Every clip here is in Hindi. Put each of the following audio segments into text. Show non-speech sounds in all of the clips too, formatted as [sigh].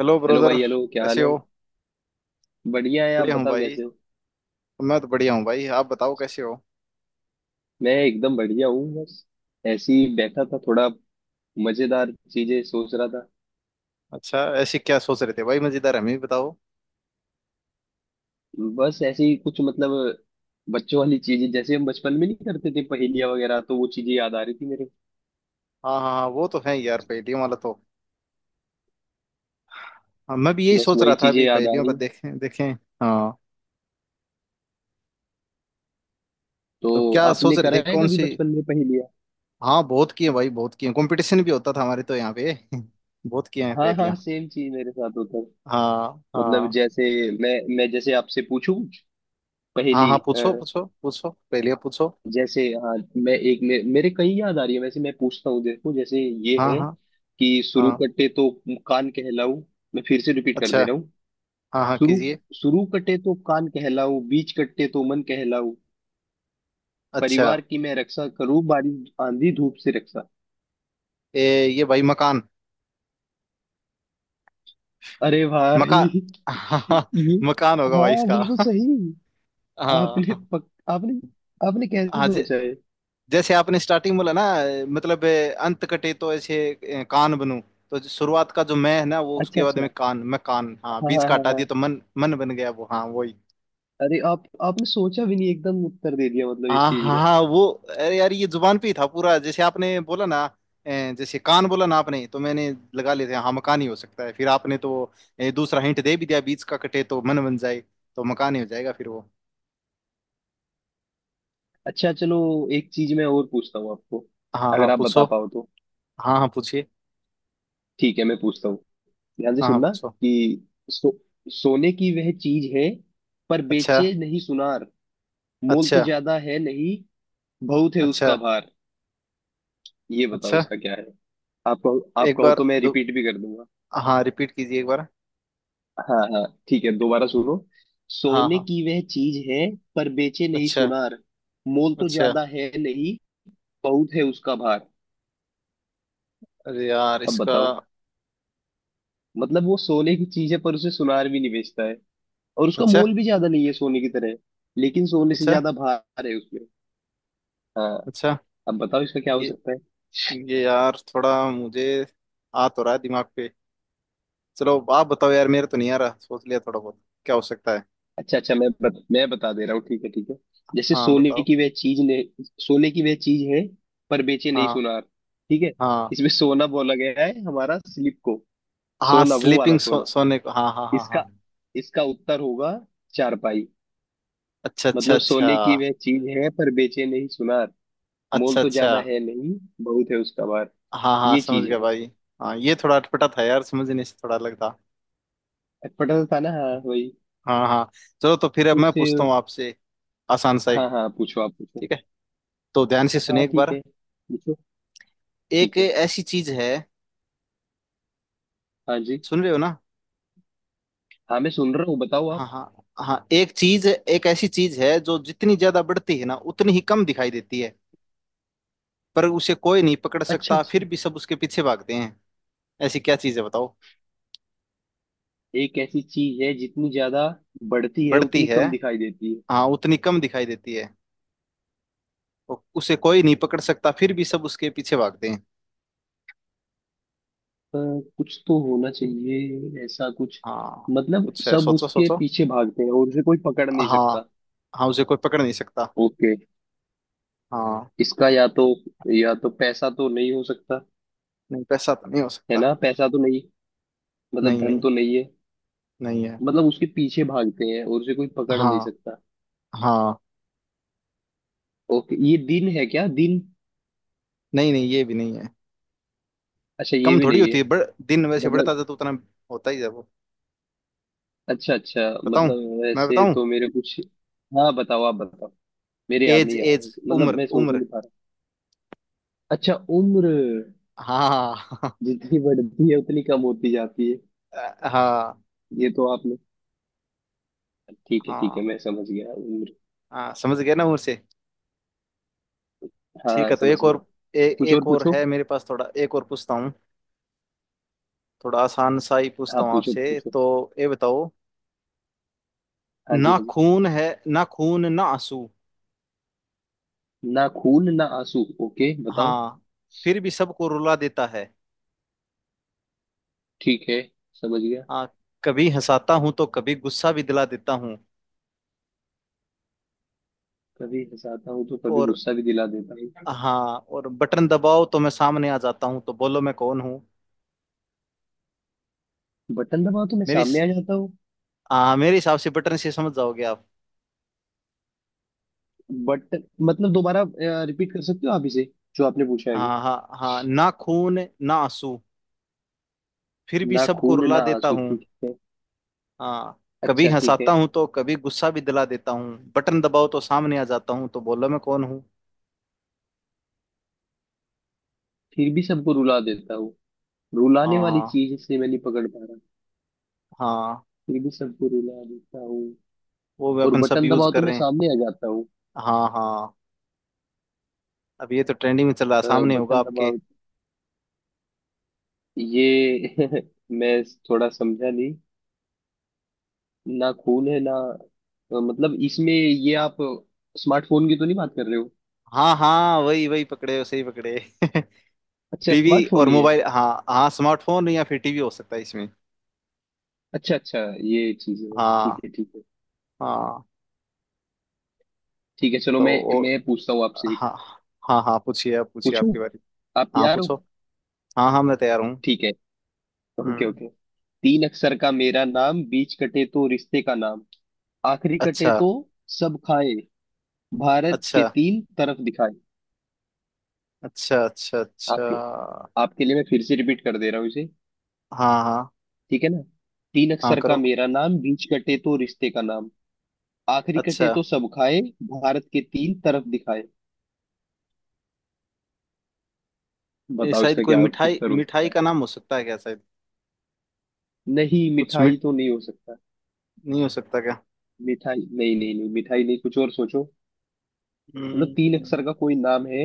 Hello hello brother. भाई। हेलो, क्या कैसे हाल है। हो। बढ़िया है, आप बढ़िया हूँ बताओ भाई। कैसे हो। मैं तो बढ़िया हूँ भाई, आप बताओ कैसे हो। मैं एकदम बढ़िया हूँ। बस ऐसे ही बैठा था, थोड़ा मजेदार चीजें सोच रहा था। अच्छा, ऐसे क्या सोच रहे थे भाई मजेदार, हमें भी बताओ। बस ऐसे ही कुछ, मतलब बच्चों वाली चीजें जैसे हम बचपन में नहीं करते थे पहेलियाँ वगैरह, तो वो चीजें याद आ रही थी मेरे। हाँ हाँ हाँ, वो तो है यार, पहेलियों वाला तो। हाँ, मैं भी यही बस सोच रहा वही था चीजें अभी, याद आ पहेलियों पर रही। देखें देखें। हाँ। तो तो क्या आपने सोच रहे थे, करा है कौन कभी सी। बचपन में पहेलियाँ। हाँ बहुत किए भाई, बहुत किए, कंपटीशन भी होता था हमारे तो यहाँ पे [laughs] बहुत किए हैं हाँ हाँ, पहेलियाँ। सेम चीज मेरे साथ होता है। हाँ मतलब हाँ। जैसे मैं जैसे आपसे पूछूं कुछ हाँ पहेली हाँ, पूछो पूछो पूछो, पहेलियाँ पूछो। जैसे। हाँ, मेरे कई याद आ रही है वैसे। मैं पूछता हूँ, देखो जैसे ये हाँ है हाँ। कि शुरू हाँ। कटे तो कान कहलाऊ। मैं फिर से रिपीट कर अच्छा। दे रहा हूँ। हाँ हाँ शुरू कीजिए। शुरू कटे तो कान कहलाऊ, बीच कटे तो मन कहलाऊ। अच्छा। परिवार की मैं रक्षा करूँ, बारिश आंधी धूप से रक्षा। ए, ये भाई मकान। अरे भाई मका [laughs] [laughs] हाँ, ये, मकान होगा भाई हाँ इसका बिल्कुल [laughs] सही। हाँ। आपने, आपने कैसे हाँ, सोचा है। जैसे आपने स्टार्टिंग बोला ना। मतलब अंत कटे तो ऐसे कान बनूं। तो जो शुरुआत का जो मैं है ना, वो अच्छा उसके बाद अच्छा। में कान, मैं कान, हाँ, हाँ बीच हाँ का हाँ हटा हाँ। दिया तो मन, मन बन गया वो, हाँ वही। अरे आप, आपने सोचा भी नहीं, एकदम उत्तर दे दिया मतलब इस हाँ चीज हाँ का। हाँ, वो। अरे यार ये जुबान पे ही था पूरा, जैसे आपने बोला ना। जैसे कान बोला ना आपने, तो मैंने लगा लेते हैं हाँ मकान ही हो सकता है। फिर आपने तो दूसरा हिंट दे भी दिया, बीच का कटे तो मन बन जाए, तो मकान ही हो जाएगा फिर वो। अच्छा चलो, एक चीज मैं और पूछता हूँ आपको, हाँ हाँ अगर आप बता पूछो। पाओ तो। हाँ हाँ पूछिए। ठीक है, मैं पूछता हूँ। ध्यान से हाँ हाँ सुनना पूछो। कि सोने की वह चीज है, पर अच्छा बेचे नहीं सुनार। मोल तो अच्छा ज्यादा है नहीं, बहुत है अच्छा उसका भार। ये बताओ, अच्छा। इसका क्या है। आप कहो, आप एक कहो बार तो मैं दो। रिपीट भी कर दूंगा। हाँ रिपीट कीजिए एक बार। हाँ हाँ, ठीक है दोबारा सुनो। हाँ सोने हाँ। की वह चीज है, पर बेचे नहीं अच्छा सुनार। मोल तो अच्छा। ज्यादा है नहीं, बहुत है उसका भार। अरे यार अब इसका। बताओ। मतलब वो सोने की चीज है, पर उसे सुनार भी नहीं बेचता है। और उसका अच्छा मोल भी ज्यादा नहीं है सोने की तरह, लेकिन सोने से अच्छा ज्यादा भार है उसमें। हाँ, अच्छा। अब बताओ इसका क्या हो ये सकता है। ये यार थोड़ा मुझे, आ तो रहा है दिमाग पे। चलो आप बताओ यार, मेरा तो नहीं आ रहा, सोच लिया थोड़ा बहुत क्या हो सकता है। अच्छा अच्छा, मैं बता दे रहा हूँ। ठीक है ठीक है। जैसे हाँ सोने बताओ। की वह चीज ने, सोने की वह चीज है, पर बेचे नहीं हाँ सुनार। ठीक है। हाँ इसमें सोना बोला गया है हमारा स्लिप को। हाँ सोना, वो वाला स्लीपिंग, सोना। सोने को, हाँ हाँ हाँ हाँ। इसका इसका उत्तर होगा चारपाई। अच्छा अच्छा मतलब अच्छा सोने की वह चीज है, पर बेचे नहीं सुनार। मोल अच्छा तो अच्छा। ज्यादा है नहीं, बहुत है उसका भार। हाँ हाँ ये समझ चीज गया है बस। भाई। हाँ, ये थोड़ा अटपटा था यार, समझने से थोड़ा अलग था। अटपटा सा था ना, हाँ वही। हाँ हाँ। चलो तो फिर अब मैं कुछ। पूछता हूँ आपसे। आसान सा एक। हाँ हाँ, पूछो आप पूछो। ठीक है, तो ध्यान से सुनिए हाँ एक ठीक बार। है, पूछो। एक ठीक है। ऐसी चीज है। हाँ जी। सुन रहे हो ना। हाँ, मैं सुन रहा हूँ, बताओ हाँ आप। हाँ हाँ, एक चीज, एक ऐसी चीज है जो जितनी ज्यादा बढ़ती है ना, उतनी ही कम दिखाई देती है। पर उसे कोई नहीं पकड़ अच्छा सकता, अच्छा। फिर भी सब उसके पीछे भागते हैं। ऐसी क्या चीज है बताओ। एक ऐसी चीज है जितनी ज्यादा बढ़ती है बढ़ती उतनी है। कम दिखाई देती है। हाँ उतनी कम दिखाई देती है। उसे कोई नहीं पकड़ सकता, फिर भी सब उसके पीछे भागते हैं। अ, कुछ तो होना चाहिए ऐसा कुछ। हाँ मतलब कुछ है, सब सोचो उसके सोचो। पीछे भागते हैं और उसे कोई पकड़ नहीं हाँ। सकता। हाँ उसे कोई पकड़ नहीं सकता। ओके, हाँ। इसका या तो, या तो पैसा तो नहीं हो सकता। नहीं पैसा तो नहीं हो है सकता। ना, पैसा तो नहीं। मतलब नहीं धन नहीं। तो नहीं है। नहीं है। मतलब उसके पीछे भागते हैं और उसे कोई पकड़ हाँ नहीं सकता। हाँ। ओके, ये दिन है क्या, दिन। नहीं नहीं, ये भी नहीं है। अच्छा, ये कम भी थोड़ी नहीं होती है। है, बढ़ दिन वैसे बढ़ता मतलब। जाता तो उतना होता ही है वो। अच्छा अच्छा, बताऊं मतलब मैं वैसे बताऊं तो मेरे कुछ। हाँ बताओ, आप बताओ, मेरे याद एज नहीं आ रहा। एज मतलब उम्र मैं सोच ही उम्र। नहीं पा रहा। अच्छा उम्र, हाँ [laughs] जितनी बढ़ती है उतनी कम होती जाती है। हाँ हाँ। ये तो आपने, ठीक है ठीक है, हाँ, मैं समझ गया उम्र। हाँ समझ गया ना उम्र से। ठीक हाँ है तो समझ एक गया। और। ए, कुछ और एक और पूछो। है मेरे पास, थोड़ा एक और पूछता हूँ। थोड़ा आसान सा ही हाँ पूछता हूँ पूछो आपसे पूछो। तो। ये बताओ। हाँ जी ना हाँ जी। खून है, ना खून ना आंसू। ना खून ना आंसू, ओके बताओ। हाँ। फिर भी सबको रुला देता है। ठीक है, समझ गया। हाँ। कभी हंसाता हूँ तो कभी गुस्सा भी दिला देता हूँ। कभी हंसाता हूँ तो कभी और। गुस्सा भी दिला देता हूँ, हाँ। और बटन दबाओ तो मैं सामने आ जाता हूँ, तो बोलो मैं कौन हूँ। बटन दबाओ तो मैं मेरी। सामने आ जाता हूँ। हाँ मेरे हिसाब से बटन से समझ जाओगे आप। बट, मतलब दोबारा रिपीट कर सकते हो आप इसे, जो आपने पूछा है अभी। हाँ हाँ हाँ, ना खून ना आंसू, फिर भी ना सबको खून रुला ना देता आंसू, हूँ। ठीक है। हाँ। कभी अच्छा ठीक है। हंसाता हूँ तो कभी गुस्सा भी दिला देता हूँ, बटन दबाओ तो सामने आ जाता हूँ, तो बोलो मैं कौन हूँ। फिर भी सबको रुला देता हूँ, रुलाने हाँ वाली हाँ। चीज से मैं नहीं पकड़ पा रहा। हाँ, फिर भी सबको रुला देता हूँ, वो भी और अपन सब बटन यूज दबाओ तो कर मैं रहे हैं। सामने आ जाता हूँ। हाँ हाँ। अब ये तो ट्रेंडिंग में चल रहा है, अ, सामने होगा बटन आपके। दबाओ, ये [laughs] मैं थोड़ा समझा नहीं। ना खून है ना, मतलब इसमें ये आप स्मार्टफोन की तो नहीं बात कर रहे हो। हाँ हाँ, वही वही पकड़े हो, सही पकड़े [laughs] अच्छा, टीवी स्मार्टफोन और ही है। मोबाइल, हाँ हाँ स्मार्टफोन या फिर टीवी हो सकता है इसमें। अच्छा अच्छा, ये चीज है। ठीक हाँ है ठीक है। हाँ। ठीक है चलो, तो मैं और। मैं पूछता हूँ आपसे एक। हाँ। हाँ हाँ पूछिए, आप पूछिए, पूछूं, आपकी बारी। आप हाँ तैयार हो। पूछो। हाँ हाँ मैं तैयार हूँ। ठीक है, ओके हम्म। ओके। तीन अक्षर का मेरा नाम, बीच कटे तो रिश्ते का नाम, आखिरी कटे अच्छा तो सब खाए, भारत के अच्छा तीन तरफ दिखाए। अच्छा अच्छा आपके अच्छा। आपके लिए मैं फिर से रिपीट कर दे रहा हूँ इसे, हाँ हाँ ठीक है ना। तीन हाँ अक्षर का करो। मेरा नाम, बीच कटे तो रिश्ते का नाम, आखिरी अच्छा। कटे तो सब खाए, भारत के तीन तरफ दिखाए। ये बताओ शायद इसका कोई क्या मिठाई, उत्तर हो मिठाई सकता है। का नाम हो सकता है क्या, शायद नहीं, कुछ मिठाई मिठ तो नहीं हो सकता। नहीं हो सकता क्या। मिठाई नहीं नहीं नहीं, मिठाई नहीं, कुछ और सोचो। मतलब तीन हम्म। अक्षर का कोई नाम है।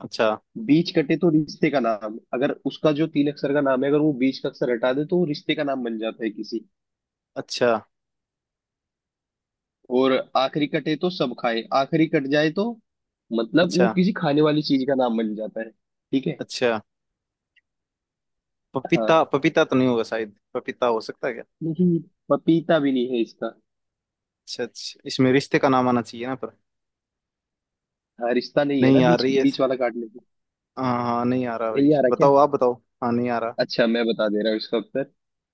अच्छा बीच कटे तो रिश्ते का नाम, अगर उसका जो तीन अक्षर का नाम है, अगर वो बीच का अक्षर हटा दे तो वो रिश्ते का नाम बन जाता है किसी। अच्छा और आखिरी कटे तो सब खाए, आखिरी कट जाए तो मतलब वो अच्छा किसी खाने वाली चीज का नाम बन जाता है। ठीक है। अच्छा। पपीता, हाँ, पपीता तो नहीं होगा शायद, पपीता हो सकता है क्या। नहीं, पपीता भी नहीं है इसका। अच्छा अच्छा, इसमें रिश्ते का नाम आना चाहिए ना पर हाँ, रिश्ता नहीं है ना नहीं आ बीच, रही है। बीच वाला काटने से। हाँ हाँ नहीं आ रहा भाई, नहीं आ रहा क्या। बताओ आप बताओ। हाँ नहीं आ रहा। अच्छा, मैं बता दे रहा हूँ इसका उत्तर।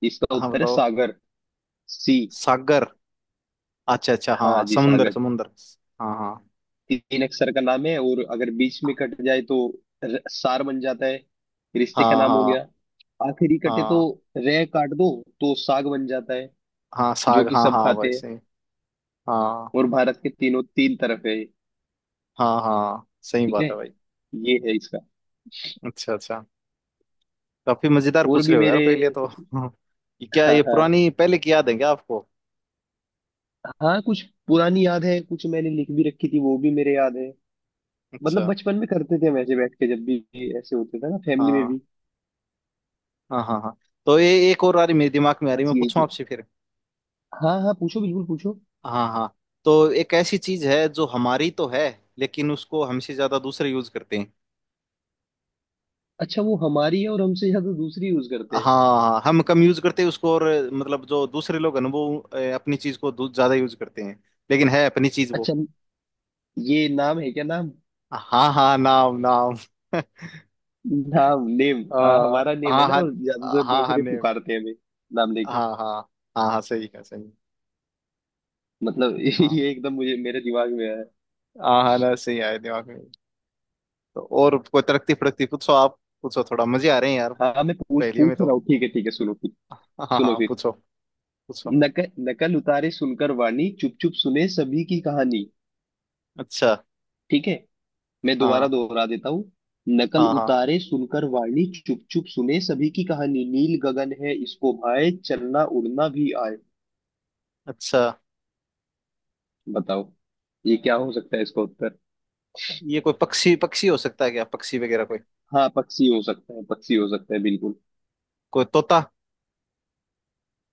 इसका हाँ उत्तर है बताओ। सागर। सी, सागर। अच्छा अच्छा हाँ हाँ, जी समुंदर सागर। समुंदर। हाँ हाँ। तीन अक्षर का नाम है, और अगर बीच में कट जाए तो सार बन जाता है, रिश्ते का हाँ नाम हो हाँ। गया। आखिरी कटे तो, हाँ। रह काट दो तो साग बन जाता है, हाँ जो साग, कि हाँ सब हाँ खाते भाई हैं। सही। हाँ। और भारत के तीनों, तीन तरफ है ये। हाँ हाँ सही ठीक है, बात है भाई। ये है इसका। अच्छा अच्छा। काफी मजेदार और पूछ भी रहे हो यार मेरे। पहले तो, हाँ, ये क्या, हाँ ये हाँ पुरानी पहले की याद है क्या आपको। हाँ, कुछ पुरानी याद है, कुछ मैंने लिख भी रखी थी, वो भी मेरे याद है। मतलब अच्छा। बचपन में करते थे हम, ऐसे बैठ के जब भी ऐसे होते थे ना फैमिली में हाँ भी। हाँ हाँ हाँ। तो ये एक और आ रही, मेरे दिमाग में आ रही, बस मैं यही पूछूं चीज। आपसे फिर। हाँ हाँ, पूछो बिल्कुल पूछो। हाँ हाँ। तो एक ऐसी चीज है जो हमारी तो है, लेकिन उसको हमसे ज्यादा दूसरे यूज करते हैं। अच्छा, वो हमारी है और हमसे ज्यादा दूसरी यूज करते हैं। हाँ हम कम यूज करते हैं उसको और, मतलब जो दूसरे लोग हैं ना, वो अपनी चीज को ज्यादा यूज करते हैं, लेकिन है अपनी चीज वो। अच्छा, ये नाम है क्या, नाम। हाँ हाँ नाम नाम [laughs] नाम, नेम। अ, हाँ हमारा नेम है हाँ ना, हाँ। और ज्यादातर हाँ हाँ दूसरे नेम। पुकारते हैं हमें नाम लेके। हाँ हाँ। हाँ हाँ सही है सही है। मतलब [laughs] हाँ। ये एकदम मुझे मेरे दिमाग में आया है। हाँ हाँ ना सही आए दिमाग में। तो और कोई तरक्की फड़कती पूछो, आप पूछो, थोड़ा मजे आ रहे हैं यार हाँ, मैं पूछ पहेलियों पूछ में रहा तो। हूँ, ठीक है सुनो फिर। हाँ हाँ सुनो हाँ, फिर। पूछो। पूछो। नकल नकल उतारे सुनकर वाणी, चुप चुप सुने सभी की कहानी। अच्छा। ठीक है, मैं दोबारा हाँ दोहरा देता हूँ। नकल हाँ हाँ। उतारे सुनकर वाणी, चुप चुप सुने सभी की कहानी, नील गगन है इसको भाए, चलना उड़ना भी आए। अच्छा। बताओ ये क्या हो सकता है इसका उत्तर। ये कोई पक्षी, पक्षी हो सकता है क्या, पक्षी वगैरह कोई, हाँ पक्षी हो सकता है, पक्षी हो सकता है बिल्कुल। कोई तोता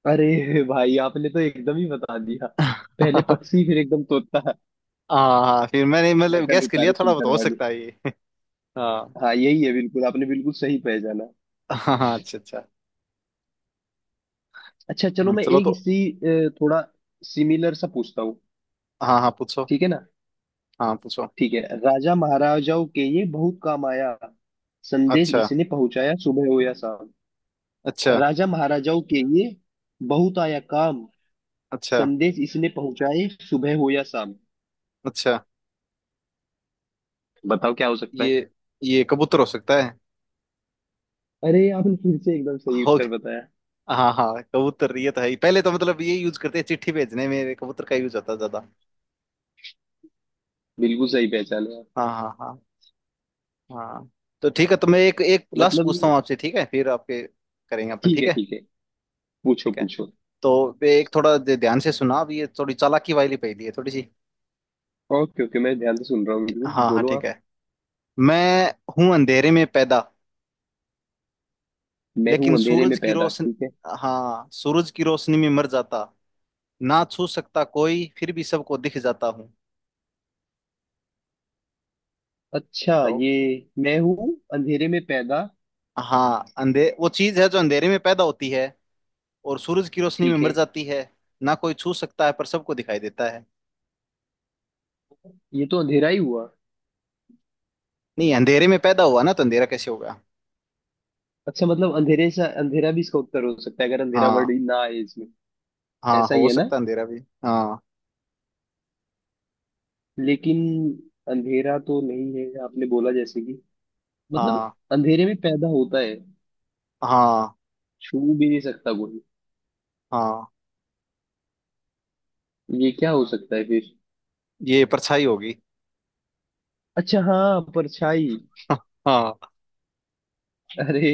अरे भाई, आपने तो एकदम ही बता दिया, [laughs] पहले हाँ पक्षी फिर एकदम तोता। हाँ, फिर मैंने मतलब नकल गैस कर लिया उतारे थोड़ा बहुत, सुनकर हो वाणी, सकता है ये [laughs] हाँ हाँ यही है बिल्कुल, आपने बिल्कुल सही पहचाना। हाँ हाँ, अच्छा अच्छा। अच्छा चलो, मैं चलो एक तो। इसी थोड़ा सिमिलर सा पूछता हूँ, हाँ हाँ पूछो। ठीक है ना। हाँ पूछो। ठीक है। राजा महाराजाओं के ये बहुत काम आया, संदेश अच्छा इसने पहुंचाया सुबह हो या शाम। अच्छा राजा महाराजाओं के ये बहुत आया काम, अच्छा संदेश इसने पहुंचाए सुबह हो या शाम। अच्छा। बताओ क्या हो सकता है। ये ये कबूतर हो सकता है। अरे आपने फिर से एकदम सही हो उत्तर गया। बताया। हाँ हाँ कबूतर, ये तो है ही। पहले तो मतलब ये यूज करते हैं, चिट्ठी भेजने में कबूतर का यूज होता है ज्यादा। बिल्कुल सही पहचाने आप। हाँ हाँ हाँ। हाँ। तो ठीक है, तो मैं एक, एक लास्ट मतलब पूछता हूँ ये, आपसे, ठीक है, फिर आपके करेंगे अपन, ठीक ठीक है है। ठीक है, पूछो ठीक है। पूछो। तो ये एक थोड़ा ध्यान से सुना अब, ये थोड़ी चालाकी वाली पहेली है थोड़ी सी। ओके ओके, मैं ध्यान से सुन रहा हूँ, बिल्कुल हाँ हाँ बोलो ठीक आप। है। मैं हूं अंधेरे में पैदा, मैं हूँ लेकिन अंधेरे सूरज में की पैदा, रोशन ठीक है। हाँ सूरज की रोशनी में मर जाता, ना छू सकता कोई, फिर भी सबको दिख जाता हूँ। अच्छा। बताओ। ये मैं हूँ अंधेरे में पैदा, हाँ, अंधे वो चीज है जो अंधेरे में पैदा होती है, और सूरज की रोशनी में ठीक मर है। जाती है। ना कोई छू सकता है पर सबको दिखाई देता है। ये तो अंधेरा ही हुआ। नहीं, अंधेरे में पैदा हुआ ना, तो अंधेरा कैसे होगा। अच्छा, मतलब अंधेरे से अंधेरा भी इसका उत्तर हो सकता है, अगर अंधेरा वर्ड हाँ। ही ना आए इसमें। हाँ ऐसा ही हो है ना। सकता है अंधेरा भी। हाँ लेकिन अंधेरा तो नहीं है, आपने बोला जैसे कि मतलब हाँ अंधेरे में पैदा होता है, हाँ छू भी नहीं सकता कोई। हाँ। ये क्या हो सकता है फिर। ये परछाई होगी अच्छा हाँ, परछाई। [laughs] हाँ अरे,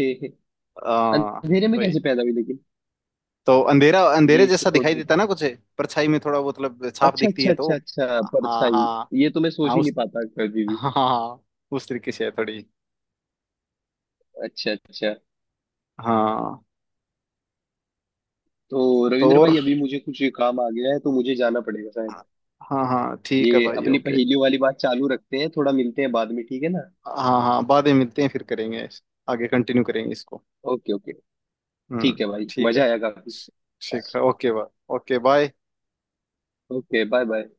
हाँ। अंधेरे में वही, कैसे पैदा हुई लेकिन। तो अंधेरा अंधेरे ये जैसा इसका थोड़ा दिखाई देता बताओ। ना कुछ, परछाई में थोड़ा वो मतलब छाप अच्छा दिखती अच्छा है तो। अच्छा अच्छा, हाँ परछाई। हाँ ये तो मैं हाँ सोच ही नहीं उस, पाता कभी भी। हाँ हाँ उस तरीके से है थोड़ी। अच्छा अच्छा। हाँ। तो तो रविंद्र और। भाई, अभी मुझे कुछ काम आ गया है तो मुझे जाना पड़ेगा शायद। हाँ हाँ ठीक है ये भाई, अपनी ओके। पहेलियों वाली बात चालू रखते हैं, थोड़ा मिलते हैं बाद में, ठीक है ना। हाँ हाँ बाद में मिलते हैं, फिर करेंगे, आगे कंटिन्यू करेंगे इसको। Okay okay. ठीक है भाई, ठीक है। मजा आया काफी। ठीक है okay bye. Okay bye. Okay bye bye.